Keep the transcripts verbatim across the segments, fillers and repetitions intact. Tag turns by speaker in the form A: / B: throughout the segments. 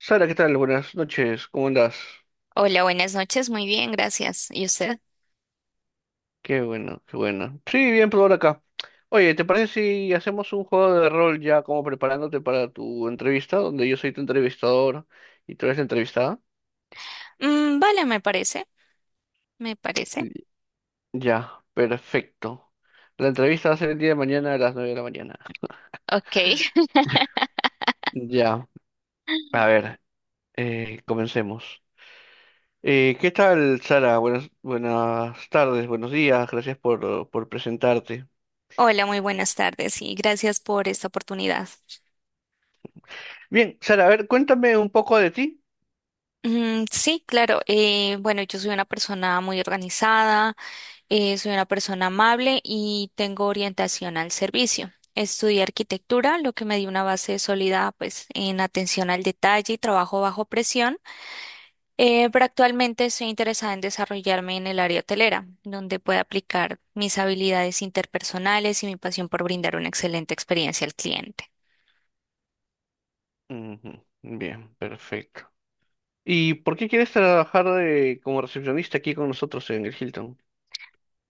A: Sara, ¿qué tal? Buenas noches, ¿cómo andás?
B: Hola, buenas noches. Muy bien, gracias. ¿Y usted?
A: Qué bueno, qué bueno. Sí, bien, por ahora acá. Oye, ¿te parece si hacemos un juego de rol ya como preparándote para tu entrevista, donde yo soy tu entrevistador y tú eres la entrevistada?
B: Mm, vale, me parece, me parece.
A: Y- Ya, perfecto. La entrevista va a ser el día de mañana a las nueve de la mañana.
B: Ok.
A: Ya, a ver, eh, comencemos. Eh, ¿qué tal, Sara? Buenas, buenas tardes, buenos días, gracias por, por presentarte.
B: Hola, muy buenas tardes y gracias por esta oportunidad.
A: Bien, Sara, a ver, cuéntame un poco de ti.
B: Mm, sí, claro. Eh, bueno, yo soy una persona muy organizada, eh, soy una persona amable y tengo orientación al servicio. Estudié arquitectura, lo que me dio una base sólida, pues, en atención al detalle y trabajo bajo presión. Eh, pero actualmente estoy interesada en desarrollarme en el área hotelera, donde pueda aplicar mis habilidades interpersonales y mi pasión por brindar una excelente experiencia al cliente.
A: Ujú. Bien, perfecto. ¿Y por qué quieres trabajar de- como recepcionista aquí con nosotros en el Hilton?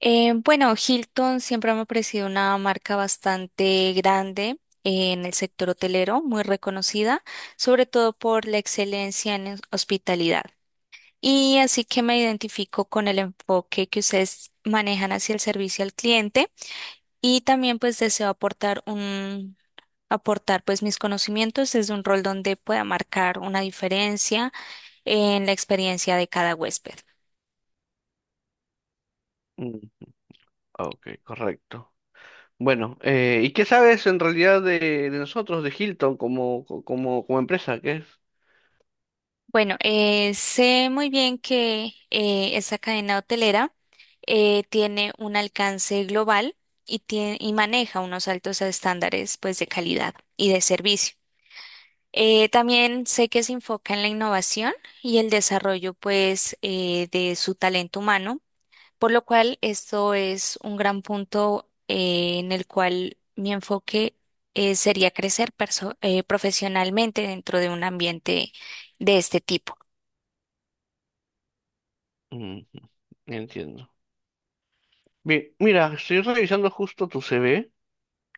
B: Eh, bueno, Hilton siempre me ha parecido una marca bastante grande en el sector hotelero, muy reconocida, sobre todo por la excelencia en hospitalidad. Y así que me identifico con el enfoque que ustedes manejan hacia el servicio al cliente y también pues deseo aportar un aportar pues mis conocimientos desde un rol donde pueda marcar una diferencia en la experiencia de cada huésped.
A: Mm, ah, ok, correcto. Bueno, eh, ¿y qué sabes en realidad de, de nosotros, de Hilton, como, co- como, como empresa? ¿Qué es?
B: Bueno, eh, sé muy bien que eh, esa cadena hotelera eh, tiene un alcance global y, tie- y maneja unos altos estándares pues de calidad y de servicio. Eh, también sé que se enfoca en la innovación y el desarrollo pues eh, de su talento humano. Por lo cual, esto es un gran punto eh, en el cual mi enfoque eh, sería crecer perso- eh, profesionalmente dentro de un ambiente de este tipo.
A: Ujú. Entiendo. Bien, mira, estoy revisando justo tu C V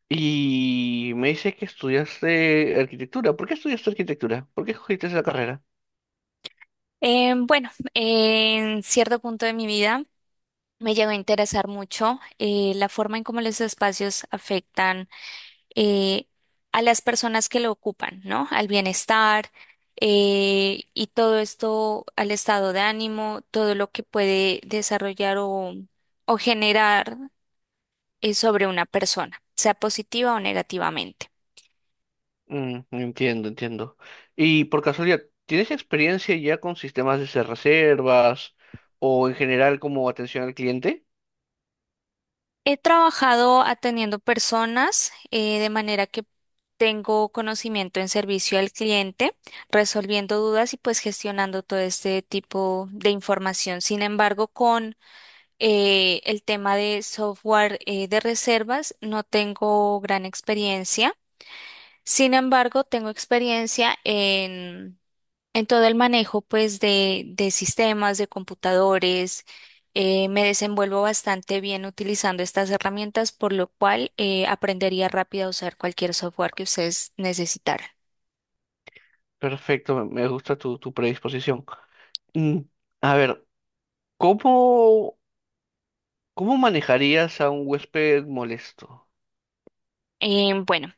A: y me dice que estudiaste arquitectura. ¿Por qué estudiaste arquitectura? ¿Por qué escogiste esa carrera?
B: Eh, bueno, en cierto punto de mi vida me llegó a interesar mucho eh, la forma en cómo los espacios afectan eh, a las personas que lo ocupan, ¿no? Al bienestar eh, y todo esto, al estado de ánimo, todo lo que puede desarrollar o, o generar eh, sobre una persona, sea positiva o negativamente.
A: Mm, entiendo, entiendo. Y por casualidad, ¿tienes experiencia ya con sistemas de hacer reservas o en general como atención al cliente?
B: He trabajado atendiendo personas eh, de manera que tengo conocimiento en servicio al cliente, resolviendo dudas y pues gestionando todo este tipo de información. Sin embargo, con Eh, el tema de software eh, de reservas no tengo gran experiencia. Sin embargo, tengo experiencia en, en todo el manejo pues de, de sistemas, de computadores. Eh, me desenvuelvo bastante bien utilizando estas herramientas, por lo cual eh, aprendería rápido a usar cualquier software que ustedes necesitaran.
A: Perfecto, me me gusta tu, tu predisposición. Mm, a ver, ¿cómo, ¿cómo manejarías a un huésped molesto?
B: Eh, bueno,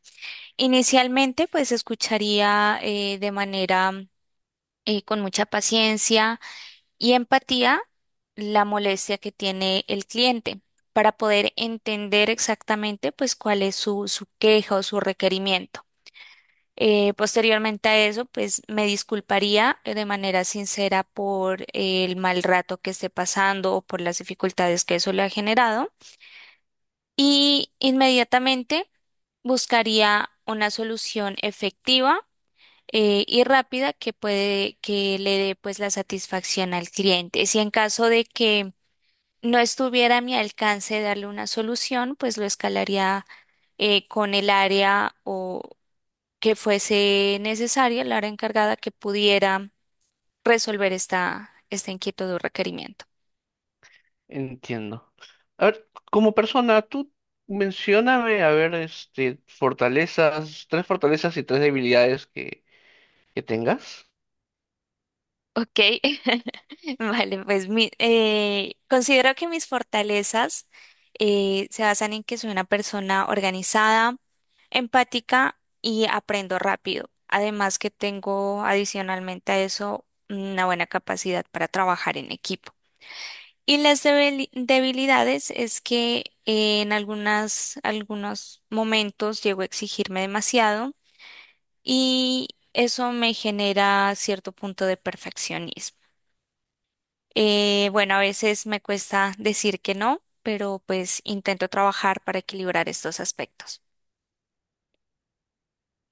B: inicialmente pues escucharía eh, de manera eh, con mucha paciencia y empatía, la molestia que tiene el cliente para poder entender exactamente pues cuál es su, su queja o su requerimiento. Eh, posteriormente a eso, pues me disculparía eh, de manera sincera por el mal rato que esté pasando o por las dificultades que eso le ha generado, y inmediatamente buscaría una solución efectiva eh, y rápida que puede que le dé pues la satisfacción al cliente. Si en caso de que no estuviera a mi alcance darle una solución, pues lo escalaría eh, con el área o que fuese necesaria, el área encargada que pudiera resolver esta, esta inquietud o requerimiento.
A: Entiendo. A ver, como persona, tú mencióname, a ver, este, fortalezas, tres fortalezas y tres debilidades que, que tengas.
B: Ok. Vale, pues mi- eh, considero que mis fortalezas eh, se basan en que soy una persona organizada, empática y aprendo rápido. Además que tengo adicionalmente a eso una buena capacidad para trabajar en equipo. Y las debili- debilidades es que eh, en algunas, algunos momentos llego a exigirme demasiado y eso me genera cierto punto de perfeccionismo. Eh, bueno, a veces me cuesta decir que no, pero pues intento trabajar para equilibrar estos aspectos.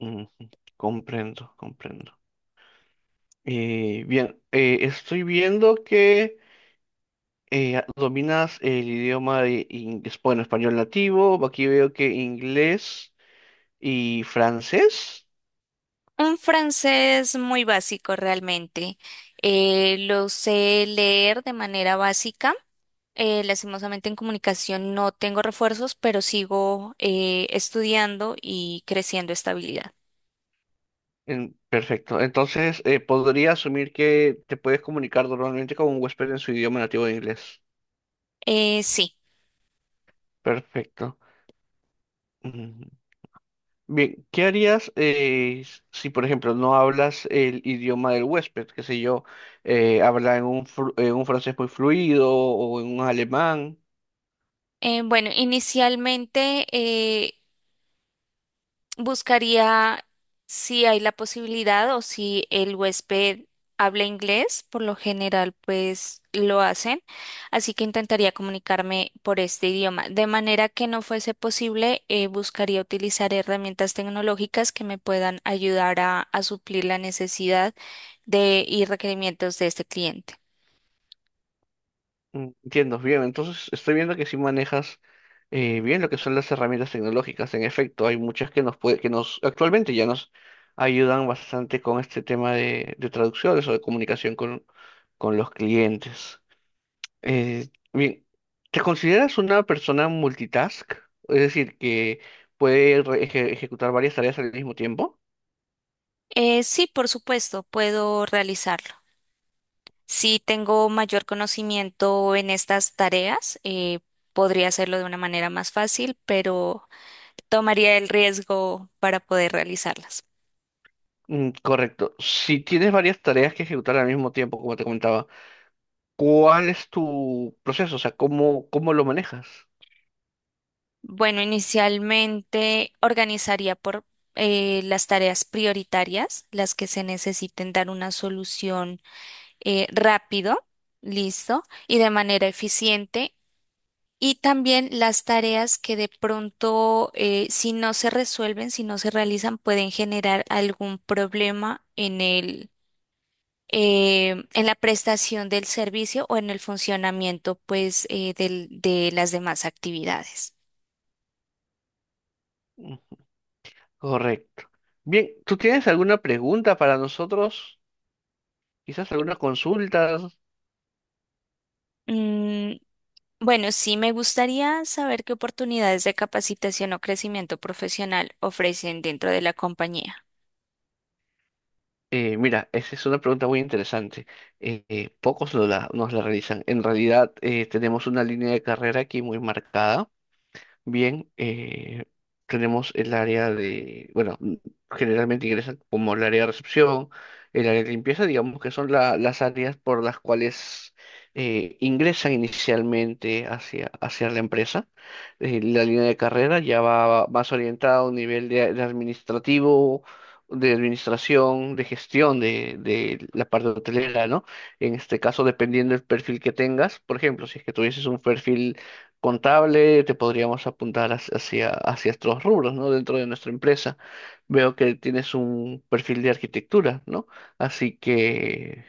A: Mm, comprendo, comprendo. Eh, bien, eh, estoy viendo que eh, dominas el idioma de inglés, bueno, español nativo, aquí veo que inglés y francés.
B: Un francés muy básico realmente. Eh, lo sé leer de manera básica. Eh, lastimosamente en comunicación no tengo refuerzos, pero sigo eh, estudiando y creciendo esta habilidad.
A: En- perfecto, entonces eh, podría asumir que te puedes comunicar normalmente con un huésped en su idioma nativo de inglés.
B: Eh, sí.
A: Perfecto. Mm. Bien, ¿qué harías eh, s- si, por ejemplo, no hablas el idioma del huésped? Qué sé yo, eh, habla en un, fru- en un francés muy fluido o en un alemán.
B: Eh, bueno, inicialmente eh, buscaría si hay la posibilidad o si el huésped habla inglés. Por lo general, pues lo hacen. Así que intentaría comunicarme por este idioma. De manera que no fuese posible, eh, buscaría utilizar herramientas tecnológicas que me puedan ayudar a a suplir la necesidad de, y requerimientos de este cliente.
A: Mm, entiendo, bien, entonces estoy viendo que sí manejas eh, bien lo que son las herramientas tecnológicas. En efecto, hay muchas que nos puede, que nos actualmente ya nos ayudan bastante con este tema de, de traducciones o de comunicación con, con los clientes. Eh, bien, ¿te consideras una persona multitask? Es decir, que puede re- eje- ejecutar varias tareas al mismo tiempo.
B: Eh, sí, por supuesto, puedo realizarlo. Si tengo mayor conocimiento en estas tareas, eh, podría hacerlo de una manera más fácil, pero tomaría el riesgo para poder realizarlas.
A: Mm, correcto. Si tienes varias tareas que ejecutar al mismo tiempo, como te comentaba, ¿cuál es tu proceso? O sea, ¿cómo, ¿cómo lo manejas?
B: Bueno, inicialmente organizaría por eh, las tareas prioritarias, las que se necesiten dar una solución eh, rápido, listo, y de manera eficiente. Y también las tareas que de pronto, eh, si no se resuelven, si no se realizan, pueden generar algún problema eh, en la prestación del servicio o en el funcionamiento, pues, eh, del- de las demás actividades.
A: Mm, correcto. Bien, ¿tú tienes alguna pregunta para nosotros? Quizás alguna consulta.
B: Mm, bueno, sí me gustaría saber qué oportunidades de capacitación o crecimiento profesional ofrecen dentro de la compañía.
A: Eh, mira, esa es una pregunta muy interesante. Eh, eh, pocos nos la, nos la realizan. En realidad, eh, tenemos una línea de carrera aquí muy marcada. Bien, eh, tenemos el área de, bueno, mm, generalmente ingresan como el área de recepción, el área de limpieza, digamos que son la- las áreas por las cuales eh, ingresan inicialmente hacia, hacia la empresa. Eh, la línea de carrera ya va más orientada a un nivel de, de administrativo, de administración, de gestión de, de la parte hotelera, ¿no? En este caso, dependiendo del perfil que tengas, por ejemplo, si es que tuvieses un perfil contable, te podríamos apuntar hacia, hacia hacia estos rubros, ¿no? Dentro de nuestra empresa. Veo que tienes un perfil de arquitectura, ¿no? Así que,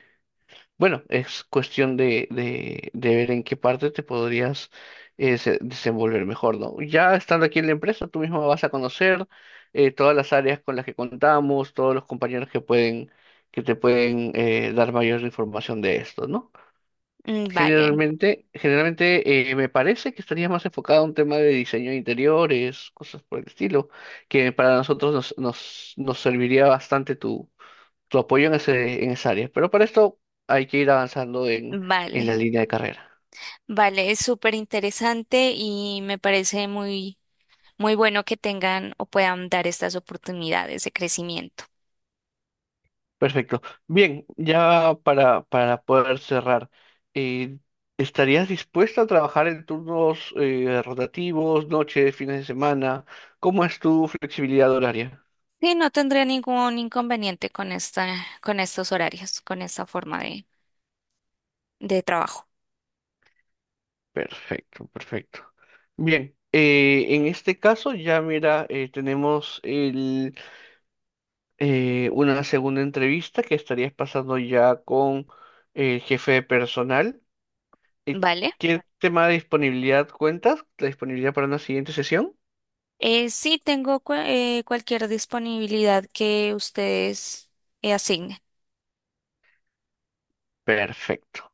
A: bueno, es cuestión de, de, de ver en qué parte te podrías eh, se- desenvolver mejor, ¿no? Ya estando aquí en la empresa, tú mismo vas a conocer eh, todas las áreas con las que contamos, todos los compañeros que pueden, que te pueden eh, dar mayor información de esto, ¿no?
B: Mm, vale.
A: Generalmente, generalmente eh, me parece que estaría más enfocado a un tema de diseño de interiores, cosas por el estilo, que para nosotros nos, nos, nos serviría bastante tu, tu apoyo en ese, en esa área. Pero para esto hay que ir avanzando en, en
B: vale,
A: la línea de carrera.
B: vale, es súper interesante y me parece muy muy bueno que tengan o puedan dar estas oportunidades de crecimiento.
A: Perfecto. Bien, ya para, para poder cerrar, eh, ¿estarías dispuesta a trabajar en turnos eh, rotativos, noches, fines de semana? ¿Cómo es tu flexibilidad horaria?
B: Sí, no tendría ningún inconveniente con esta, con estos horarios, con esta forma de, de trabajo,
A: Perfecto, perfecto. Bien, eh, en este caso ya mira, eh, tenemos el, eh, una segunda entrevista que estarías pasando ya con eh, el jefe de personal. Eh,
B: ¿vale?
A: ¿Qué tema de disponibilidad cuentas? ¿La disponibilidad para una siguiente sesión?
B: Eh, sí, tengo cu- eh, cualquier disponibilidad que ustedes eh, asignen.
A: Perfecto.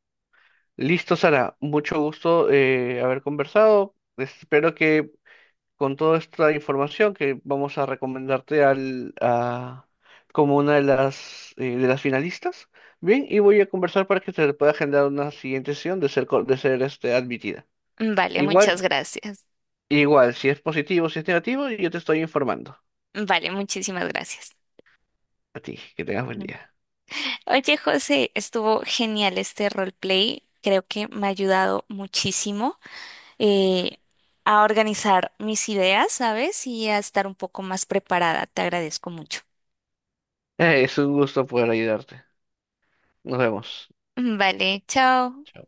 A: Listo, Sara. Mucho gusto eh, haber conversado. Espero que con toda esta información que vamos a recomendarte al, a- como una de las, eh, de las finalistas. Bien, y voy a conversar para que se le pueda agendar una siguiente sesión de ser, co- de ser este, admitida.
B: Vale,
A: Igual,
B: muchas gracias.
A: igual, si es positivo, si es negativo, yo te estoy informando.
B: Vale, muchísimas gracias.
A: A ti, que tengas buen
B: Ujú.
A: día.
B: Oye, José, estuvo genial este roleplay. Creo que me ha ayudado muchísimo eh, a organizar mis ideas, ¿sabes? Y a estar un poco más preparada. Te agradezco mucho.
A: Eh, es un gusto poder ayudarte. Nos vemos.
B: Vale, chao.
A: Chao.